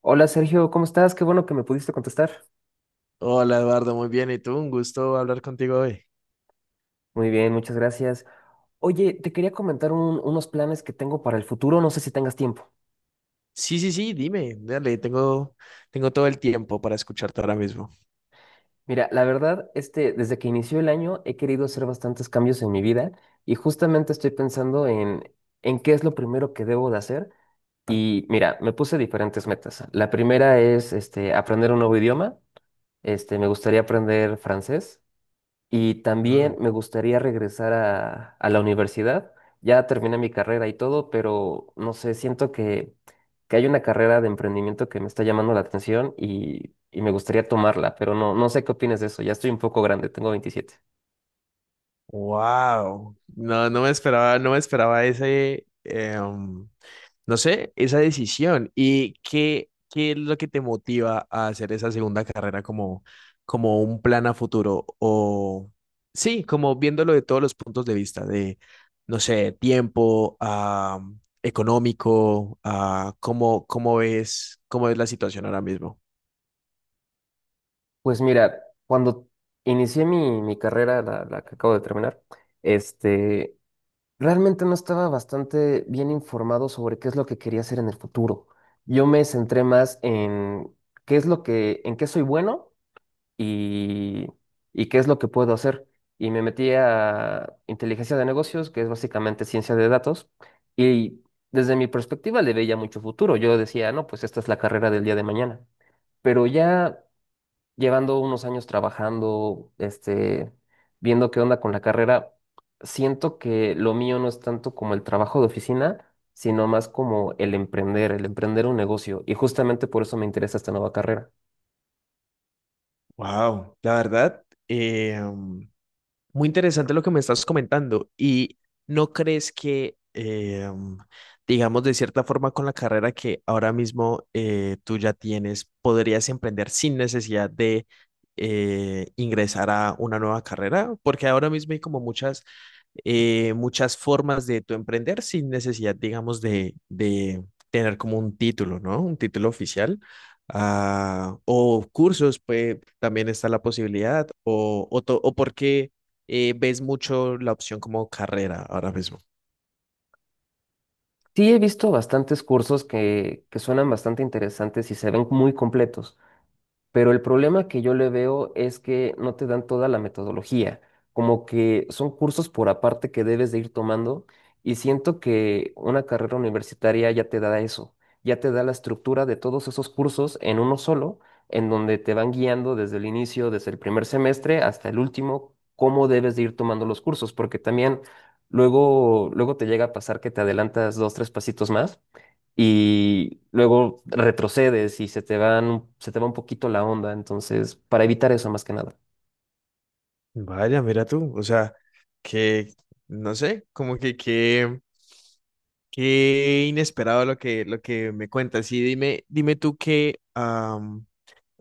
Hola Sergio, ¿cómo estás? Qué bueno que me pudiste contestar. Hola Eduardo, muy bien. ¿Y tú? Un gusto hablar contigo hoy. Muy bien, muchas gracias. Oye, te quería comentar unos planes que tengo para el futuro, no sé si tengas tiempo. Sí, sí, sí, dime, dale, tengo todo el tiempo para escucharte ahora mismo. Mira, la verdad, desde que inició el año he querido hacer bastantes cambios en mi vida y justamente estoy pensando en qué es lo primero que debo de hacer. Y mira, me puse diferentes metas. La primera es este, aprender un nuevo idioma. Me gustaría aprender francés. Y Ah, también me gustaría regresar a la universidad. Ya terminé mi carrera y todo, pero no sé, siento que hay una carrera de emprendimiento que me está llamando la atención y me gustaría tomarla, pero no, no sé qué opinas de eso. Ya estoy un poco grande, tengo 27. wow. No, no me esperaba no sé, esa decisión. Y qué es lo que te motiva a hacer esa segunda carrera como un plan a futuro o sí, como viéndolo de todos los puntos de vista, de, no sé, tiempo, económico, cómo ves la situación ahora mismo. Pues mira, cuando inicié mi carrera, la que acabo de terminar, este, realmente no estaba bastante bien informado sobre qué es lo que quería hacer en el futuro. Yo me centré más en qué es lo que, en qué soy bueno y, y qué es lo que puedo hacer. Y me metí a inteligencia de negocios, que es básicamente ciencia de datos, y desde mi perspectiva le veía mucho futuro. Yo decía, no, pues esta es la carrera del día de mañana. Pero ya llevando unos años trabajando, viendo qué onda con la carrera, siento que lo mío no es tanto como el trabajo de oficina, sino más como el emprender un negocio. Y justamente por eso me interesa esta nueva carrera. Wow, la verdad, eh, muy interesante lo que me estás comentando. ¿Y no crees que, digamos, de cierta forma con la carrera que ahora mismo tú ya tienes, podrías emprender sin necesidad de ingresar a una nueva carrera? Porque ahora mismo hay como muchas formas de tu emprender sin necesidad, digamos, de tener como un título, ¿no? Un título oficial. O cursos, pues también está la posibilidad, o por qué ves mucho la opción como carrera ahora mismo. Sí, he visto bastantes cursos que suenan bastante interesantes y se ven muy completos. Pero el problema que yo le veo es que no te dan toda la metodología, como que son cursos por aparte que debes de ir tomando y siento que una carrera universitaria ya te da eso, ya te da la estructura de todos esos cursos en uno solo, en donde te van guiando desde el inicio, desde el primer semestre hasta el último, cómo debes de ir tomando los cursos, porque también luego, luego te llega a pasar que te adelantas dos, tres pasitos más y luego retrocedes y se te van, se te va un poquito la onda, entonces, para evitar eso más que nada. Vaya, mira tú, o sea, que, no sé, como qué inesperado lo que me cuentas. Y dime tú qué, am,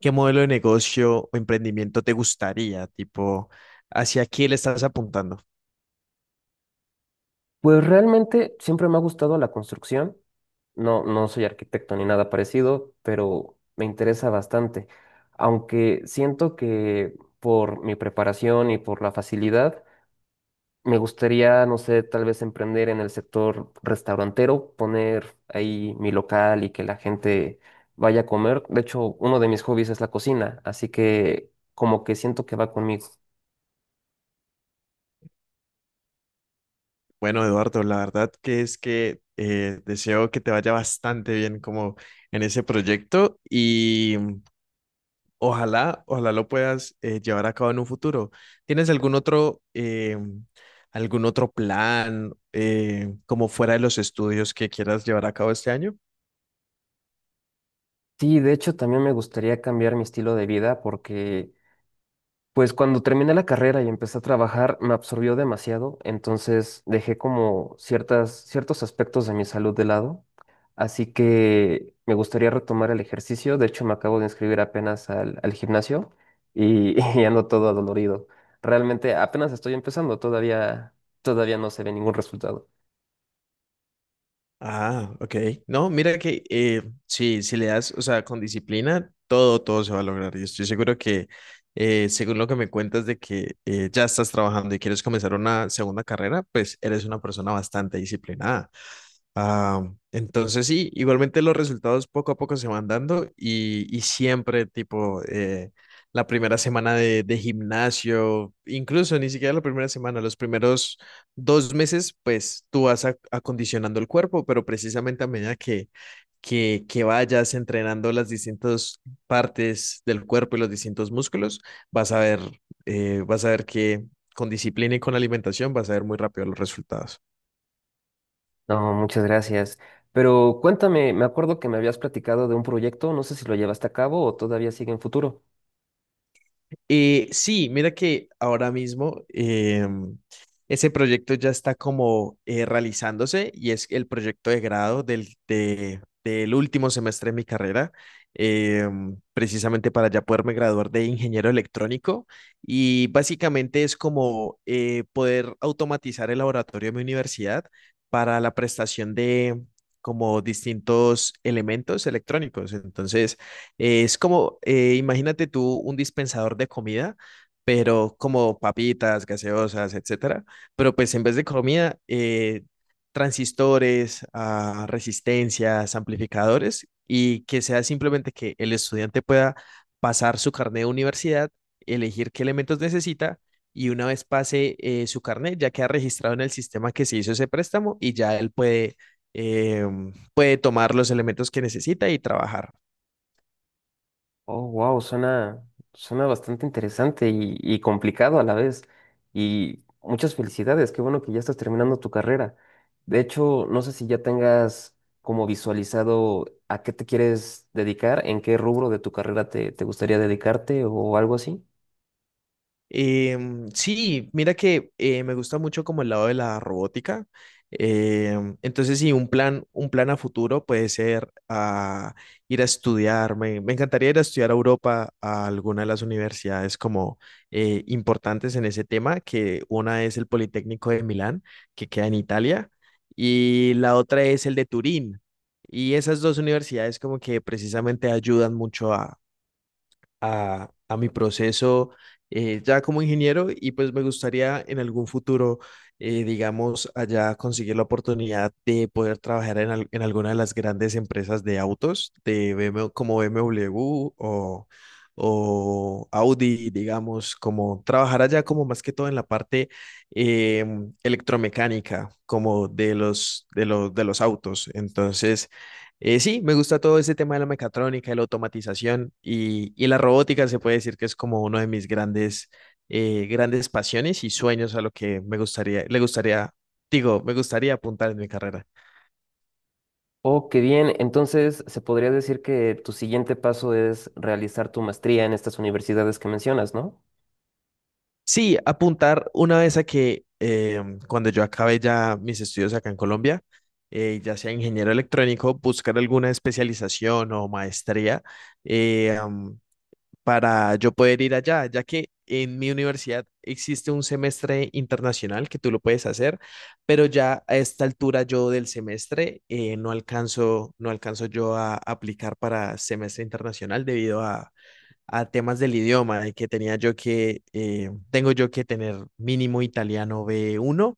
qué modelo de negocio o emprendimiento te gustaría, tipo, hacia qué le estás apuntando. Pues realmente siempre me ha gustado la construcción. No, no soy arquitecto ni nada parecido, pero me interesa bastante. Aunque siento que por mi preparación y por la facilidad, me gustaría, no sé, tal vez emprender en el sector restaurantero, poner ahí mi local y que la gente vaya a comer. De hecho, uno de mis hobbies es la cocina, así que como que siento que va conmigo. Bueno, Eduardo, la verdad que es que deseo que te vaya bastante bien como en ese proyecto y ojalá lo puedas llevar a cabo en un futuro. ¿Tienes algún otro plan como fuera de los estudios que quieras llevar a cabo este año? Sí, de hecho, también me gustaría cambiar mi estilo de vida porque pues cuando terminé la carrera y empecé a trabajar, me absorbió demasiado, entonces dejé como ciertos aspectos de mi salud de lado. Así que me gustaría retomar el ejercicio. De hecho, me acabo de inscribir apenas al gimnasio y, y ando todo adolorido. Realmente apenas estoy empezando, todavía no se ve ningún resultado. Ah, OK. No, mira que sí, si le das, o sea, con disciplina, todo, todo se va a lograr. Y estoy seguro que, según lo que me cuentas de que ya estás trabajando y quieres comenzar una segunda carrera, pues eres una persona bastante disciplinada. Ah, entonces sí, igualmente los resultados poco a poco se van dando y siempre tipo la primera semana de gimnasio, incluso ni siquiera la primera semana, los primeros dos meses, pues tú vas acondicionando el cuerpo, pero precisamente a medida que vayas entrenando las distintas partes del cuerpo y los distintos músculos, vas a ver, vas a ver que con disciplina y con alimentación vas a ver muy rápido los resultados. No, muchas gracias. Pero cuéntame, me acuerdo que me habías platicado de un proyecto, no sé si lo llevaste a cabo o todavía sigue en futuro. Sí, mira que ahora mismo ese proyecto ya está como realizándose y es el proyecto de grado del último semestre de mi carrera, precisamente para ya poderme graduar de ingeniero electrónico, y básicamente es como poder automatizar el laboratorio de mi universidad para la prestación de como distintos elementos electrónicos. Entonces, es como, imagínate tú un dispensador de comida, pero como papitas, gaseosas, etcétera. Pero pues en vez de comida, transistores, resistencias, amplificadores, y que sea simplemente que el estudiante pueda pasar su carnet de universidad, elegir qué elementos necesita, y una vez pase su carnet, ya queda registrado en el sistema que se hizo ese préstamo y ya él eh, puede tomar los elementos que necesita y trabajar. Oh, wow, suena bastante interesante y complicado a la vez. Y muchas felicidades, qué bueno que ya estás terminando tu carrera. De hecho, no sé si ya tengas como visualizado a qué te quieres dedicar, en qué rubro de tu carrera te gustaría dedicarte o algo así. Sí, mira que me gusta mucho como el lado de la robótica. Entonces, sí, un plan a futuro puede ser ir a estudiar. Me encantaría ir a estudiar a Europa a alguna de las universidades como importantes en ese tema. Que una es el Politécnico de Milán, que queda en Italia, y la otra es el de Turín. Y esas dos universidades como que precisamente ayudan mucho a mi proceso ya como ingeniero, y pues me gustaría en algún futuro, digamos, allá conseguir la oportunidad de poder trabajar en alguna de las grandes empresas de autos, de BMW, como BMW o, o Audi, digamos, como trabajar allá como más que todo en la parte electromecánica, como de los autos. Entonces. Sí, me gusta todo ese tema de la mecatrónica, de la automatización y la robótica se puede decir que es como uno de mis grandes pasiones y sueños, a lo que me gustaría, le gustaría, digo, me gustaría apuntar en mi carrera. Oh, qué bien. Entonces, se podría decir que tu siguiente paso es realizar tu maestría en estas universidades que mencionas, ¿no? Sí, apuntar una vez a que cuando yo acabe ya mis estudios acá en Colombia, ya sea ingeniero electrónico, buscar alguna especialización o maestría eh, am, para yo poder ir allá, ya que en mi universidad existe un semestre internacional que tú lo puedes hacer, pero ya a esta altura yo del semestre no alcanzo yo a aplicar para semestre internacional debido a temas del idioma, de que tengo yo que tener mínimo italiano B1,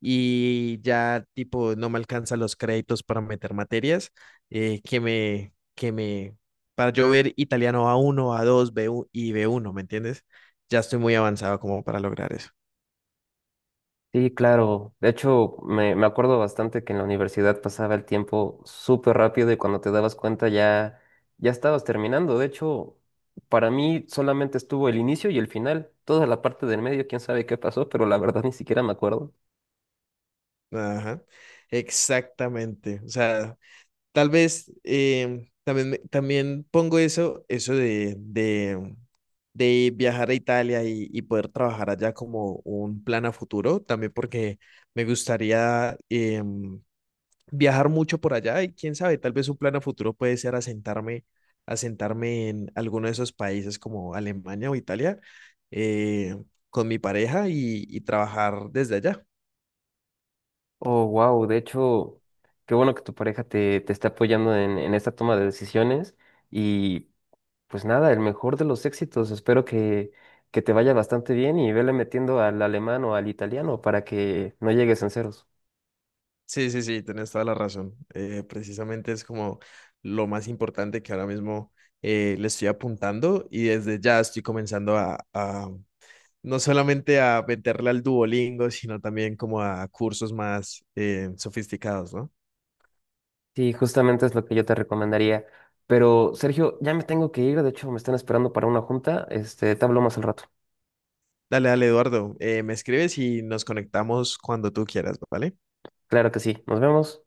y ya tipo no me alcanzan los créditos para meter materias eh, que me, que me, para yo ver italiano A1 A2 B1 y B1. ¿Me entiendes? Ya estoy muy avanzado como para lograr eso. Sí, claro. De hecho, me acuerdo bastante que en la universidad pasaba el tiempo súper rápido y cuando te dabas cuenta ya, ya estabas terminando. De hecho, para mí solamente estuvo el inicio y el final. Toda la parte del medio, quién sabe qué pasó, pero la verdad ni siquiera me acuerdo. Ajá, exactamente. O sea, tal vez también pongo eso, de viajar a Italia y poder trabajar allá como un plan a futuro, también porque me gustaría viajar mucho por allá. Y quién sabe, tal vez un plan a futuro puede ser asentarme en alguno de esos países como Alemania o Italia, eh, con mi pareja y trabajar desde allá. Oh, wow. De hecho, qué bueno que tu pareja te está apoyando en esta toma de decisiones. Y pues nada, el mejor de los éxitos. Espero que te vaya bastante bien y vele metiendo al alemán o al italiano para que no llegues en ceros. Sí, sí, sí, tienes toda la razón. Precisamente es como lo más importante que ahora mismo le estoy apuntando, y desde ya estoy comenzando a no solamente a meterle al Duolingo, sino también como a cursos más sofisticados, ¿no? Sí, justamente es lo que yo te recomendaría. Pero, Sergio, ya me tengo que ir. De hecho, me están esperando para una junta. Este, te hablo más al rato. Dale, dale, Eduardo, me escribes y nos conectamos cuando tú quieras, ¿vale? Claro que sí. Nos vemos.